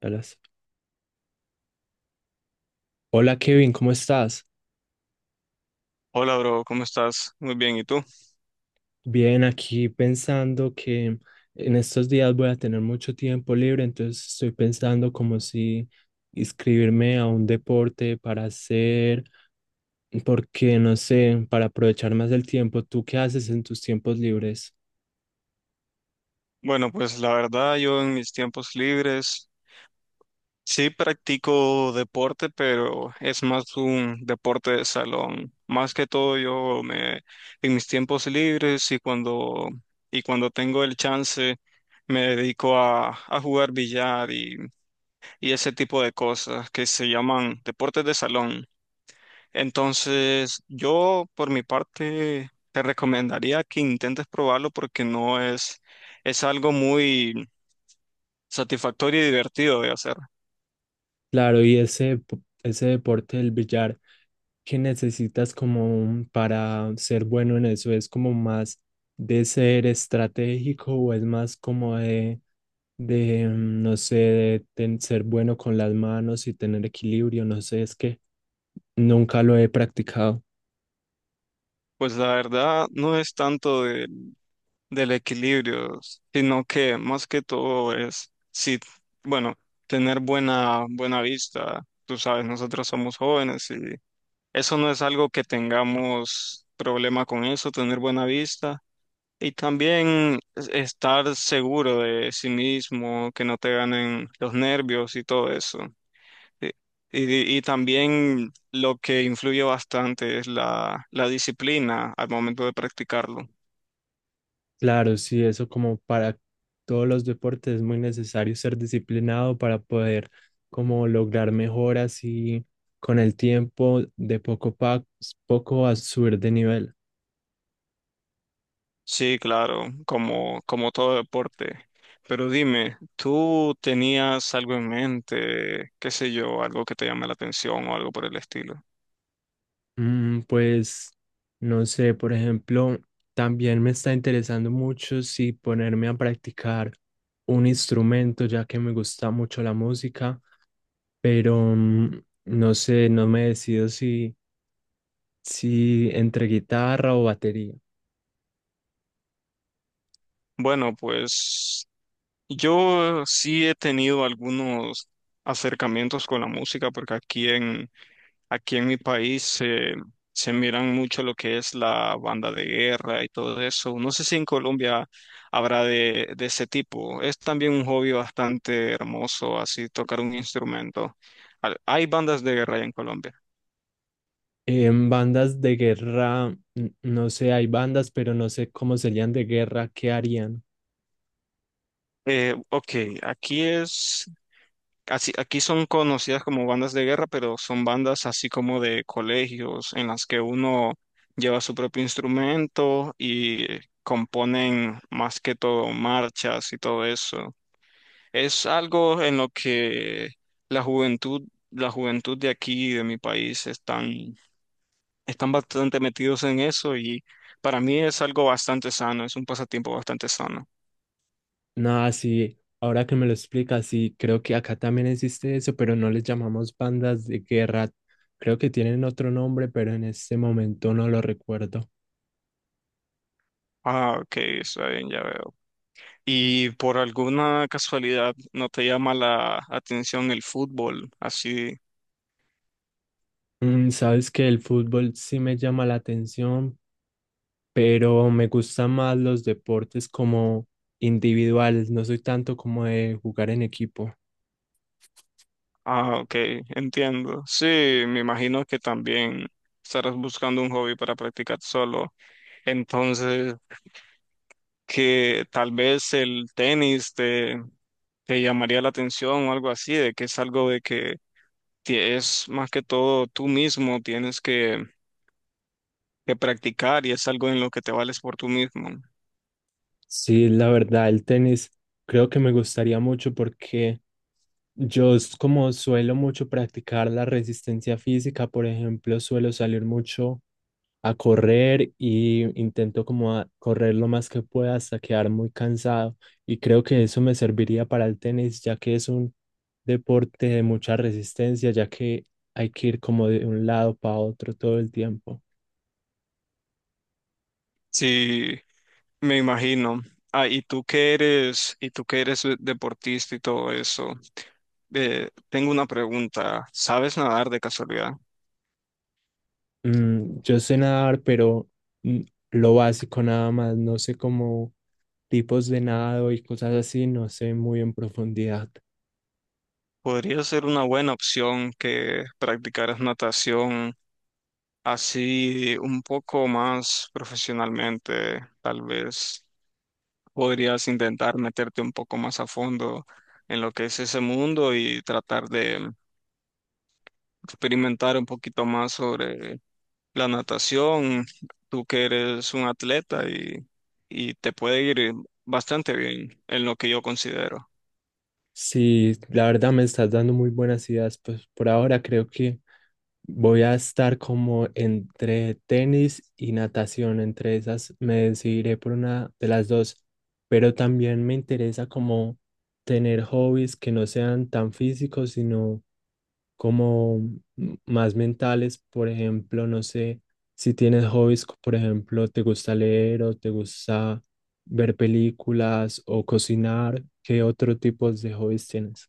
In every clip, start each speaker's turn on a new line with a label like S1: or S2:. S1: Alas. Hola Kevin, ¿cómo estás?
S2: Hola, bro, ¿cómo estás? Muy bien, ¿y tú?
S1: Bien, aquí pensando que en estos días voy a tener mucho tiempo libre, entonces estoy pensando como si inscribirme a un deporte para hacer, porque no sé, para aprovechar más el tiempo. ¿Tú qué haces en tus tiempos libres?
S2: Bueno, pues la verdad, yo en mis tiempos libres sí practico deporte, pero es más un deporte de salón. Más que todo, yo me en mis tiempos libres y cuando tengo el chance me dedico a, jugar billar y ese tipo de cosas que se llaman deportes de salón. Entonces, yo por mi parte te recomendaría que intentes probarlo porque no es, es algo muy satisfactorio y divertido de hacer.
S1: Claro, y ese, ese deporte del billar, que necesitas como para ser bueno en eso? ¿Es como más de ser estratégico o es más como no sé, de ser bueno con las manos y tener equilibrio? No sé, es que nunca lo he practicado.
S2: Pues la verdad no es tanto del equilibrio, sino que más que todo es, sí, bueno, tener buena vista. Tú sabes, nosotros somos jóvenes y eso no es algo que tengamos problema con eso, tener buena vista. Y también estar seguro de sí mismo, que no te ganen los nervios y todo eso. Y, y también lo que influye bastante es la disciplina al momento de practicarlo.
S1: Claro, sí, eso como para todos los deportes es muy necesario ser disciplinado para poder como lograr mejoras y con el tiempo de poco a subir de nivel.
S2: Sí, claro, como todo deporte. Pero dime, ¿tú tenías algo en mente, qué sé yo, algo que te llame la atención o algo por el estilo?
S1: Pues no sé, por ejemplo, también me está interesando mucho si ponerme a practicar un instrumento, ya que me gusta mucho la música, pero no sé, no me decido si entre guitarra o batería.
S2: Bueno, pues yo sí he tenido algunos acercamientos con la música porque aquí en mi país se miran mucho lo que es la banda de guerra y todo eso. No sé si en Colombia habrá de ese tipo. Es también un hobby bastante hermoso, así tocar un instrumento. Hay bandas de guerra allá en Colombia.
S1: ¿En bandas de guerra? No sé, hay bandas, pero no sé cómo serían de guerra, qué harían.
S2: Ok, aquí es así, aquí son conocidas como bandas de guerra, pero son bandas así como de colegios en las que uno lleva su propio instrumento y componen más que todo marchas y todo eso. Es algo en lo que la juventud, la juventud de aquí, de mi país, están, están bastante metidos en eso y para mí es algo bastante sano, es un pasatiempo bastante sano.
S1: Nada, sí, ahora que me lo explicas, sí, creo que acá también existe eso, pero no les llamamos bandas de guerra. Creo que tienen otro nombre, pero en este momento no lo recuerdo.
S2: Ah, ok, está bien, ya veo. ¿Y por alguna casualidad no te llama la atención el fútbol, así?
S1: Mm, sabes que el fútbol sí me llama la atención, pero me gustan más los deportes como individuales, no soy tanto como de jugar en equipo.
S2: Ah, ok, entiendo. Sí, me imagino que también estarás buscando un hobby para practicar solo. Entonces, que tal vez el tenis te llamaría la atención o algo así, de que es algo de que es más que todo tú mismo, tienes que practicar y es algo en lo que te vales por tú mismo.
S1: Sí, la verdad, el tenis creo que me gustaría mucho porque como suelo mucho practicar la resistencia física. Por ejemplo, suelo salir mucho a correr y intento como a correr lo más que pueda hasta quedar muy cansado. Y creo que eso me serviría para el tenis, ya que es un deporte de mucha resistencia, ya que hay que ir como de un lado para otro todo el tiempo.
S2: Sí, me imagino. Y tú que eres deportista y todo eso, tengo una pregunta. ¿Sabes nadar de casualidad?
S1: Mm, yo sé nadar, pero mm, lo básico nada más, no sé cómo tipos de nado y cosas así, no sé muy en profundidad.
S2: Podría ser una buena opción que practicaras natación así un poco más profesionalmente, tal vez podrías intentar meterte un poco más a fondo en lo que es ese mundo y tratar de experimentar un poquito más sobre la natación. Tú que eres un atleta y te puede ir bastante bien en lo que yo considero.
S1: Sí, la verdad me estás dando muy buenas ideas. Pues por ahora creo que voy a estar como entre tenis y natación. Entre esas me decidiré por una de las dos. Pero también me interesa como tener hobbies que no sean tan físicos, sino como más mentales. Por ejemplo, no sé, si tienes hobbies, por ejemplo, te gusta leer o te gusta ver películas o cocinar, ¿qué otro tipo de hobbies tienes?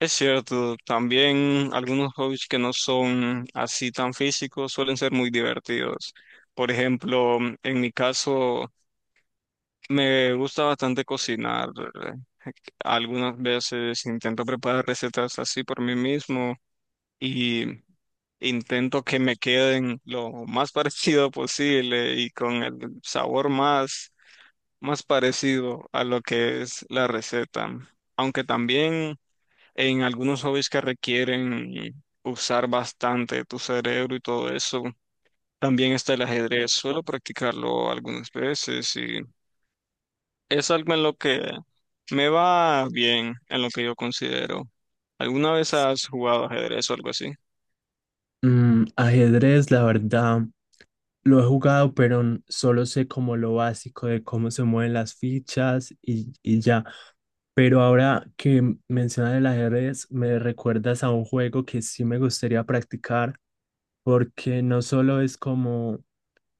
S2: Es cierto, también algunos hobbies que no son así tan físicos suelen ser muy divertidos. Por ejemplo, en mi caso, me gusta bastante cocinar. eh, Algunas veces intento preparar recetas así por mí mismo y intento que me queden lo más parecido posible y con el sabor más parecido a lo que es la receta. Aunque también en algunos hobbies que requieren usar bastante tu cerebro y todo eso, también está el ajedrez. Suelo practicarlo algunas veces, es algo en lo que me va bien, en lo que yo considero. ¿Alguna vez has jugado ajedrez o algo así?
S1: Mm, ajedrez, la verdad, lo he jugado, pero solo sé como lo básico de cómo se mueven las fichas y ya. Pero ahora que mencionas el ajedrez, me recuerdas a un juego que sí me gustaría practicar, porque no solo es como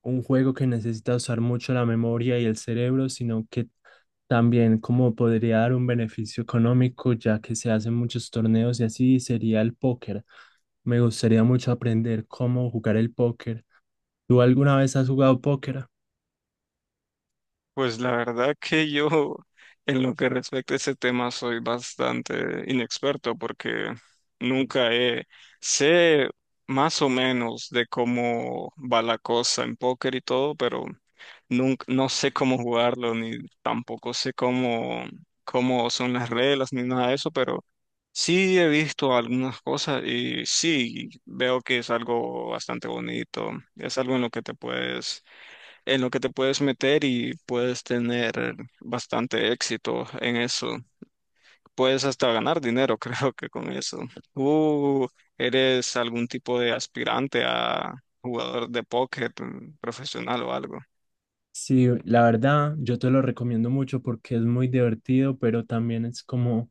S1: un juego que necesita usar mucho la memoria y el cerebro, sino que también como podría dar un beneficio económico, ya que se hacen muchos torneos, y así sería el póker. Me gustaría mucho aprender cómo jugar el póker. ¿Tú alguna vez has jugado póker?
S2: Pues la verdad que yo en lo que respecta a ese tema soy bastante inexperto porque nunca he, sé más o menos de cómo va la cosa en póker y todo, pero nunca, no sé cómo jugarlo ni tampoco sé cómo son las reglas ni nada de eso, pero sí he visto algunas cosas y sí veo que es algo bastante bonito, es algo en lo que te puedes meter y puedes tener bastante éxito en eso. Puedes hasta ganar dinero, creo que con eso. ¿Tú eres algún tipo de aspirante a jugador de póker profesional o algo?
S1: Sí, la verdad, yo te lo recomiendo mucho porque es muy divertido, pero también es como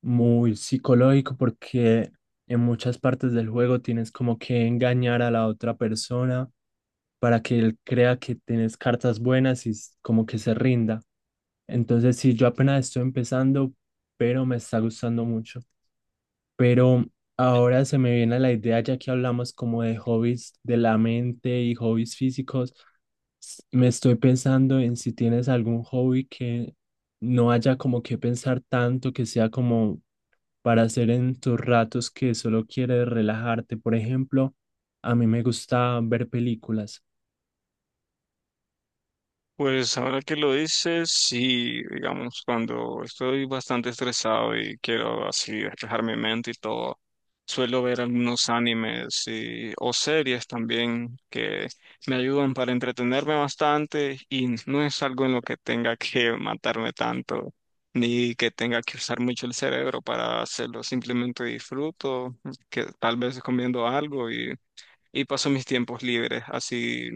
S1: muy psicológico porque en muchas partes del juego tienes como que engañar a la otra persona para que él crea que tienes cartas buenas y como que se rinda. Entonces, sí, yo apenas estoy empezando, pero me está gustando mucho. Pero ahora se me viene la idea, ya que hablamos como de hobbies de la mente y hobbies físicos, me estoy pensando en si tienes algún hobby que no haya como que pensar tanto, que sea como para hacer en tus ratos que solo quieres relajarte. Por ejemplo, a mí me gusta ver películas.
S2: Pues ahora que lo dices, sí, digamos, cuando estoy bastante estresado y quiero así despejar mi mente y todo, suelo ver algunos o series también que me ayudan para entretenerme bastante y no es algo en lo que tenga que matarme tanto, ni que tenga que usar mucho el cerebro para hacerlo, simplemente disfruto, que tal vez comiendo algo y paso mis tiempos libres así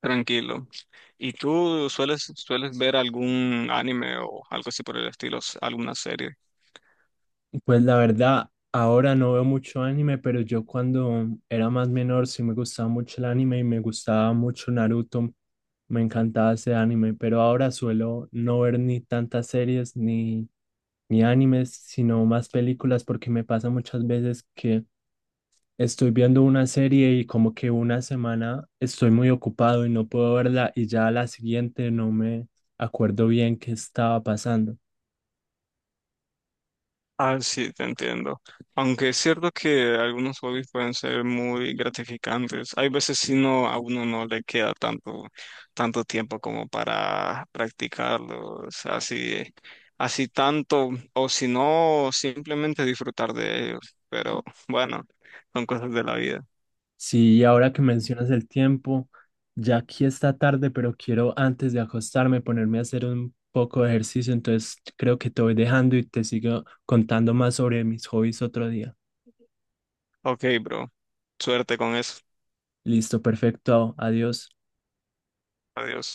S2: tranquilo. ¿Y tú sueles ver algún anime o algo así por el estilo, alguna serie?
S1: Pues la verdad, ahora no veo mucho anime, pero yo cuando era más menor sí me gustaba mucho el anime y me gustaba mucho Naruto. Me encantaba ese anime, pero ahora suelo no ver ni tantas series ni animes, sino más películas, porque me pasa muchas veces que estoy viendo una serie y como que una semana estoy muy ocupado y no puedo verla y ya a la siguiente no me acuerdo bien qué estaba pasando.
S2: Ah, sí, te entiendo. Aunque es cierto que algunos hobbies pueden ser muy gratificantes, hay veces si no a uno no le queda tanto tiempo como para practicarlos, así tanto o si no simplemente disfrutar de ellos, pero bueno, son cosas de la vida.
S1: Sí, y ahora que mencionas el tiempo, ya aquí está tarde, pero quiero antes de acostarme ponerme a hacer un poco de ejercicio, entonces creo que te voy dejando y te sigo contando más sobre mis hobbies otro día.
S2: Ok, bro. Suerte con eso.
S1: Listo, perfecto, adiós.
S2: Adiós.